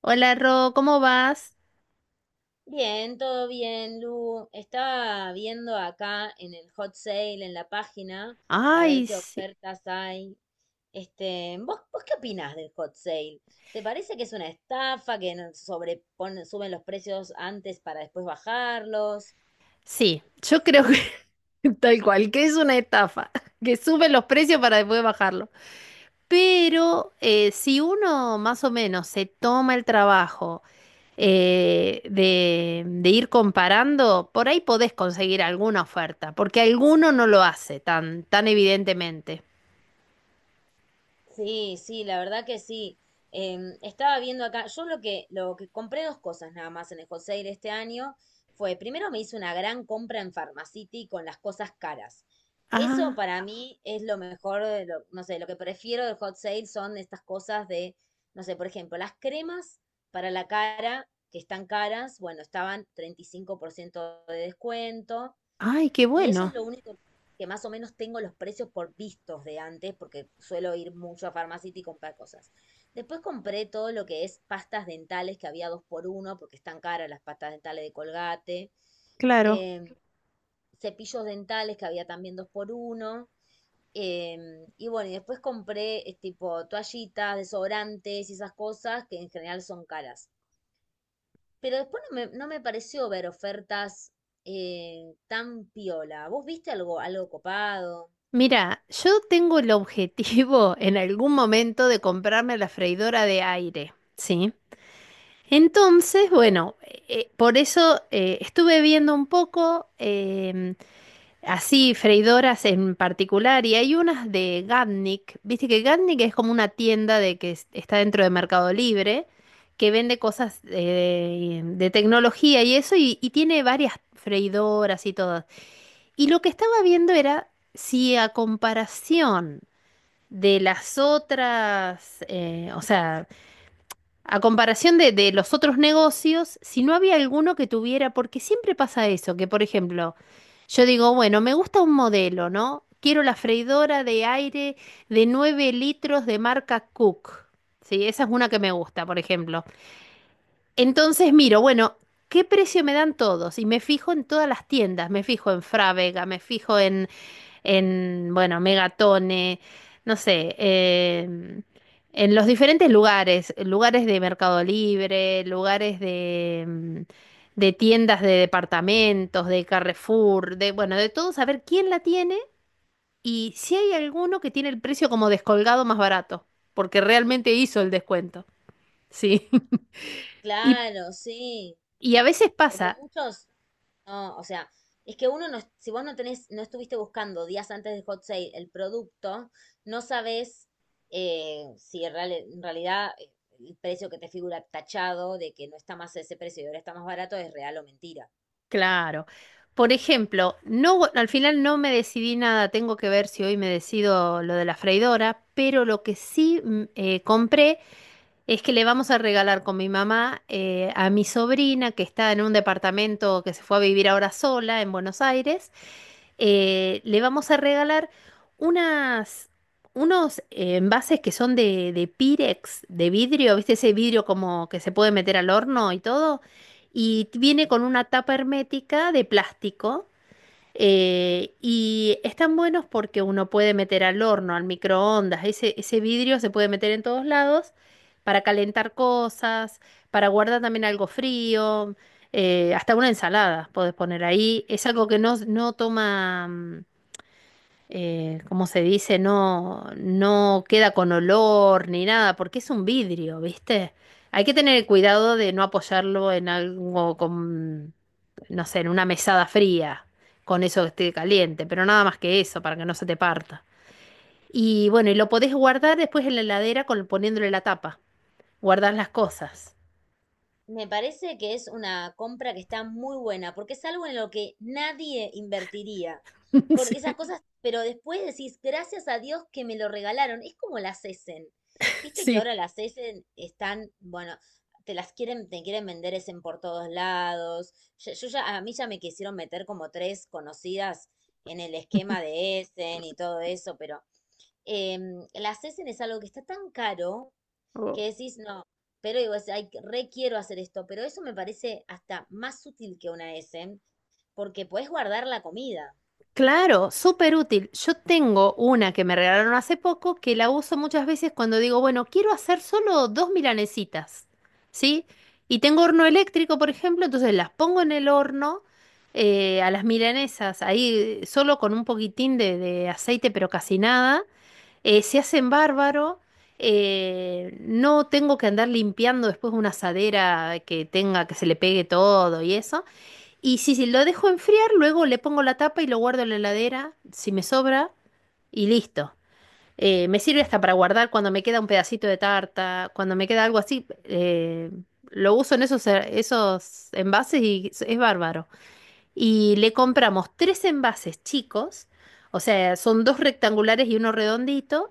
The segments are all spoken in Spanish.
Hola Ro, ¿cómo vas? Bien, todo bien, Lu. Estaba viendo acá en el hot sale, en la página, a ver Ay, qué sí. ofertas hay. Este, ¿vos qué opinás del hot sale? ¿Te parece que es una estafa, que suben los precios antes para después bajarlos? Sí, yo creo que tal cual, que es una estafa, que suben los precios para después bajarlo. Pero si uno más o menos se toma el trabajo de ir comparando, por ahí podés conseguir alguna oferta, porque alguno no lo hace tan, tan evidentemente. Sí, sí, la verdad que sí. Estaba viendo acá, yo lo que compré dos cosas nada más en el Hot Sale este año fue, primero me hice una gran compra en Pharmacity con las cosas caras. Eso Ah, para mí es lo mejor, no sé, lo que prefiero del Hot Sale son estas cosas de, no sé, por ejemplo, las cremas para la cara, que están caras, bueno, estaban 35% de descuento. ay, qué Y eso bueno, es lo único que más o menos tengo los precios por vistos de antes, porque suelo ir mucho a Farmacity y comprar cosas. Después compré todo lo que es pastas dentales, que había dos por uno, porque están caras las pastas dentales de Colgate. claro. em, Cepillos dentales, que había también dos por uno. Y bueno, y después compré tipo toallitas, desodorantes y esas cosas que en general son caras. Pero después no me pareció ver ofertas tan piola. ¿Vos viste algo, algo copado? Mira, yo tengo el objetivo en algún momento de comprarme la freidora de aire, ¿sí? Entonces, bueno, por eso estuve viendo un poco así freidoras en particular y hay unas de Gatnik, viste que Gatnik es como una tienda de que está dentro de Mercado Libre que vende cosas de tecnología y eso y tiene varias freidoras y todas. Y lo que estaba viendo era si a comparación de las otras, o sea, a comparación de los otros negocios, si no había alguno que tuviera, porque siempre pasa eso, que por ejemplo, yo digo, bueno, me gusta un modelo, ¿no? Quiero la freidora de aire de 9 litros de marca Cook. Sí, esa es una que me gusta, por ejemplo. Entonces miro, bueno, ¿qué precio me dan todos? Y me fijo en todas las tiendas, me fijo en Frávega, me fijo en, bueno, Megatone, no sé, en los diferentes lugares, lugares de Mercado Libre, lugares de, de tiendas de departamentos, de Carrefour, de, bueno, de todo, saber quién la tiene y si hay alguno que tiene el precio como descolgado más barato, porque realmente hizo el descuento. Sí. Y, Claro, sí. y a veces Porque pasa. muchos, no, o sea, es que uno no, si vos no tenés, no estuviste buscando días antes del hot sale el producto, no sabés si en real- en realidad el precio que te figura tachado de que no está más ese precio y ahora está más barato es real o mentira. Claro. Por ejemplo, no, al final no me decidí nada, tengo que ver si hoy me decido lo de la freidora, pero lo que sí compré es que le vamos a regalar con mi mamá a mi sobrina que está en un departamento que se fue a vivir ahora sola en Buenos Aires. Le vamos a regalar unas, unos envases que son de Pirex, de vidrio, ¿viste? Ese vidrio como que se puede meter al horno y todo. Y viene con una tapa hermética de plástico. Y están buenos porque uno puede meter al horno, al microondas. Ese vidrio se puede meter en todos lados para calentar cosas, para guardar también algo frío, hasta una ensalada podés poner ahí. Es algo que no, no toma, ¿cómo se dice? No, no queda con olor ni nada, porque es un vidrio, ¿viste? Hay que tener cuidado de no apoyarlo en algo con, no sé, en una mesada fría, con eso que esté caliente, pero nada más que eso, para que no se te parta. Y bueno, y lo podés guardar después en la heladera con, poniéndole la tapa. Guardar las cosas. Me parece que es una compra que está muy buena, porque es algo en lo que nadie invertiría. Porque esas cosas, pero después decís, gracias a Dios que me lo regalaron. Es como las Essen. Sí, Viste que sí. ahora las Essen están, bueno, te las quieren, te quieren vender Essen por todos lados. Yo ya, a mí ya me quisieron meter como tres conocidas en el esquema de Essen y todo eso, pero las Essen es algo que está tan caro que decís, no, pero digo, es, ay, re quiero hacer esto, pero eso me parece hasta más útil que una S, porque podés guardar la comida. Claro, súper útil. Yo tengo una que me regalaron hace poco que la uso muchas veces cuando digo, bueno, quiero hacer solo dos milanesitas, ¿sí? Y tengo horno eléctrico, por ejemplo, entonces las pongo en el horno a las milanesas, ahí solo con un poquitín de aceite, pero casi nada. Se hacen bárbaro. No tengo que andar limpiando después una asadera que tenga, que se le pegue todo y eso. Y si, si lo dejo enfriar, luego le pongo la tapa y lo guardo en la heladera, si me sobra, y listo. Me sirve hasta para guardar cuando me queda un pedacito de tarta, cuando me queda algo así. Lo uso en esos, esos envases y es bárbaro. Y le compramos tres envases chicos, o sea, son dos rectangulares y uno redondito.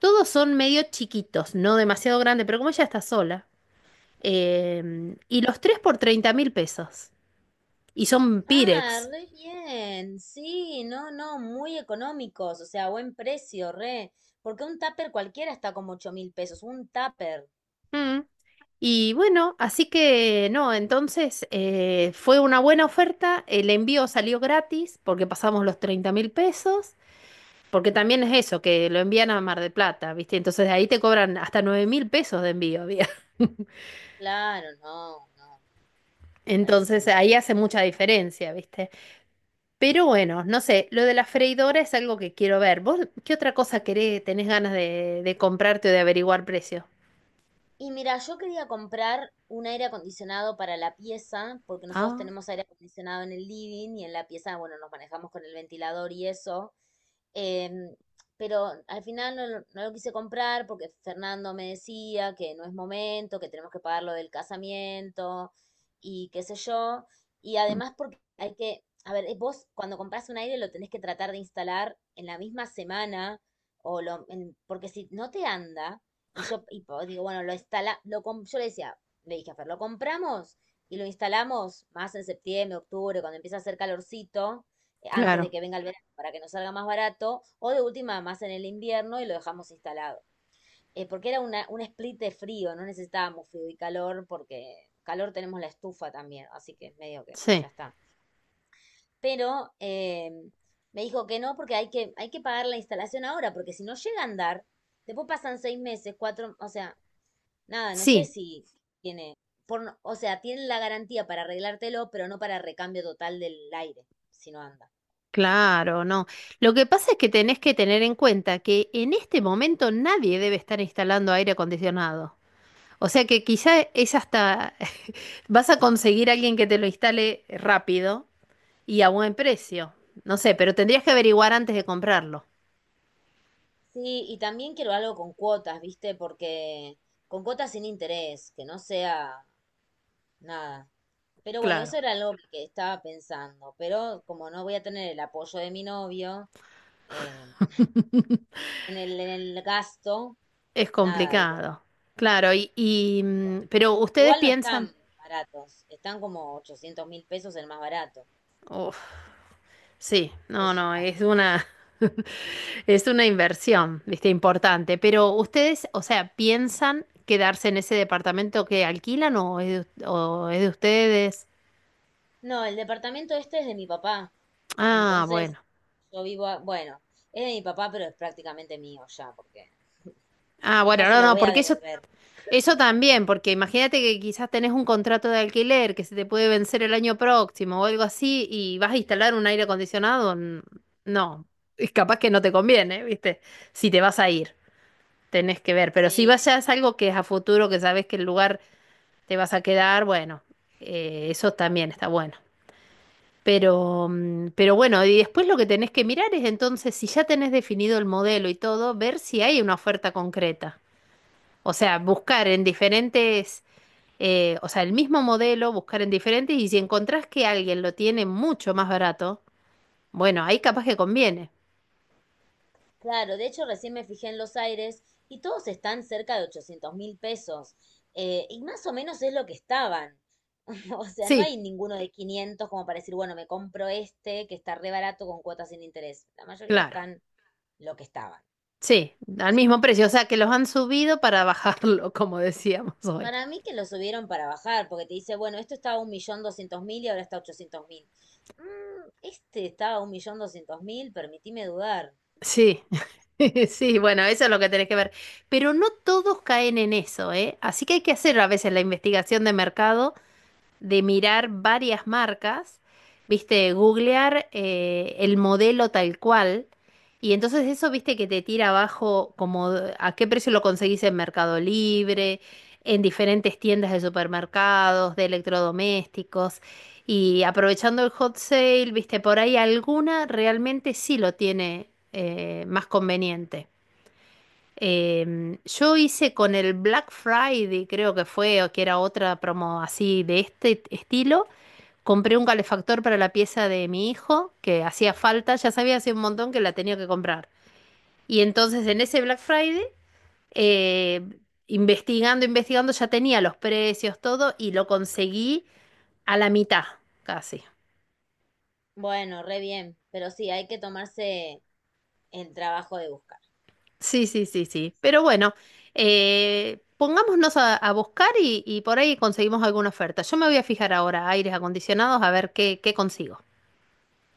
Todos son medio chiquitos, no demasiado grande, pero como ella está sola. Y los tres por $30.000. Y son Ah, Pirex. re bien, sí, no, no, muy económicos, o sea, buen precio, re, porque un tupper cualquiera está como 8.000 pesos, un tupper, Mm. Y bueno, así que no, entonces fue una buena oferta, el envío salió gratis porque pasamos los $30.000, porque también es eso, que lo envían a Mar del Plata, ¿viste? Entonces ahí te cobran hasta $9.000 de envío, había. claro, no, no, Entonces carísimo. ahí hace mucha diferencia, ¿viste? Pero bueno, no sé, lo de la freidora es algo que quiero ver. ¿Vos qué otra cosa querés, tenés ganas de comprarte o de averiguar precio? Y mira, yo quería comprar un aire acondicionado para la pieza, porque nosotros Ah, tenemos aire acondicionado en el living y en la pieza, bueno, nos manejamos con el ventilador y eso. em, pero al final no, no lo quise comprar porque Fernando me decía que no es momento, que tenemos que pagar lo del casamiento y qué sé yo. Y además porque hay que, a ver, vos cuando compras un aire lo tenés que tratar de instalar en la misma semana porque si no te anda y yo y digo, bueno, lo instala, lo, com- yo le decía, le dije a Fer, lo compramos y lo instalamos más en septiembre, octubre, cuando empieza a hacer calorcito, antes de claro, que venga el verano, para que nos salga más barato, o de última, más en el invierno y lo dejamos instalado. Porque era una, un split de frío, no necesitábamos frío y calor, porque calor tenemos la estufa también, así que medio que sí. ya está. Pero me dijo que no, porque hay que pagar la instalación ahora, porque si no llega a andar, después pasan 6 meses, cuatro, o sea, nada, no sé Sí, si tiene, por, no- o sea, tienen la garantía para arreglártelo, pero no para recambio total del aire, si no anda. claro, no. Lo que pasa es que tenés que tener en cuenta que en este momento nadie debe estar instalando aire acondicionado. O sea que quizá es hasta vas a conseguir a alguien que te lo instale rápido y a buen precio. No sé, pero tendrías que averiguar antes de comprarlo. Sí, y también quiero algo con cuotas, ¿viste? Porque con cuotas sin interés, que no sea nada. Pero bueno, eso Claro, era algo que estaba pensando, pero como no voy a tener el apoyo de mi novio eh, en el gasto, es nada, digo. complicado. Claro, y, mm, Yo. pero ustedes Igual no piensan, están baratos, están como 800.000 pesos el más barato. uf, sí, no, Es un no, es gasto. una, es una inversión, ¿viste? Importante. Pero ustedes, o sea, ¿piensan quedarse en ese departamento que alquilan o es de ustedes? No, el departamento este es de mi papá. Ah, Entonces, bueno. yo vivo, bueno, es de mi papá, pero es prácticamente mío ya, porque Ah, no bueno, se no, lo no, voy a porque eso, devolver. eso también, porque imagínate que quizás tenés un contrato de alquiler que se te puede vencer el año próximo o algo así y vas a instalar un aire acondicionado. No, es capaz que no te conviene, ¿viste? Si te vas a ir, tenés que ver. Pero si Sí, vas ya es algo que es a futuro, que sabes que el lugar te vas a quedar, bueno, eso también está bueno. Pero, mm, pero bueno, y después lo que tenés que mirar es entonces, si ya tenés definido el modelo y todo, ver si hay una oferta concreta. O sea, buscar en diferentes, o sea, el mismo modelo, buscar en diferentes, y si encontrás que alguien lo tiene mucho más barato, bueno, ahí capaz que conviene. claro, de hecho recién me fijé en los aires y todos están cerca de 800.000 pesos. Eh, y más o menos es lo que estaban. O sea, no Sí, hay ninguno de 500 como para decir, bueno, me compro este que está re barato con cuotas sin interés. La mayoría claro. están lo que estaban. Sí, al mismo precio. O sea, que los han subido para bajarlo, como decíamos hoy. Para mí que lo subieron para bajar, porque te dice, bueno, esto estaba 1.200.000 y ahora está 800.000. Este estaba 1.200.000, permitime dudar. Sí, sí, bueno, eso es lo que tenés que ver. Pero no todos caen en eso, ¿eh? Así que hay que hacer a veces la investigación de mercado de mirar varias marcas, viste, de googlear el modelo tal cual. Y entonces eso, viste, que te tira abajo como a qué precio lo conseguís en Mercado Libre, en diferentes tiendas de supermercados, de electrodomésticos. Y aprovechando el hot sale, viste, por ahí alguna realmente sí lo tiene más conveniente. Yo hice con el Black Friday, creo que fue, o que era otra promo así de este estilo. Compré un calefactor para la pieza de mi hijo, que hacía falta, ya sabía hace un montón que la tenía que comprar. Y entonces en ese Black Friday, eh, investigando, investigando, ya tenía los precios, todo, y lo conseguí a la mitad, casi. Bueno, re bien, pero sí, hay que tomarse el trabajo de buscar. Sí, sí, sí, sí. Pero bueno, pongámonos a buscar y por ahí conseguimos alguna oferta. Yo me voy a fijar ahora aires acondicionados a ver qué, qué consigo.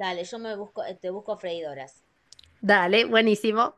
Dale, yo me busco, te busco freidoras. Dale, buenísimo.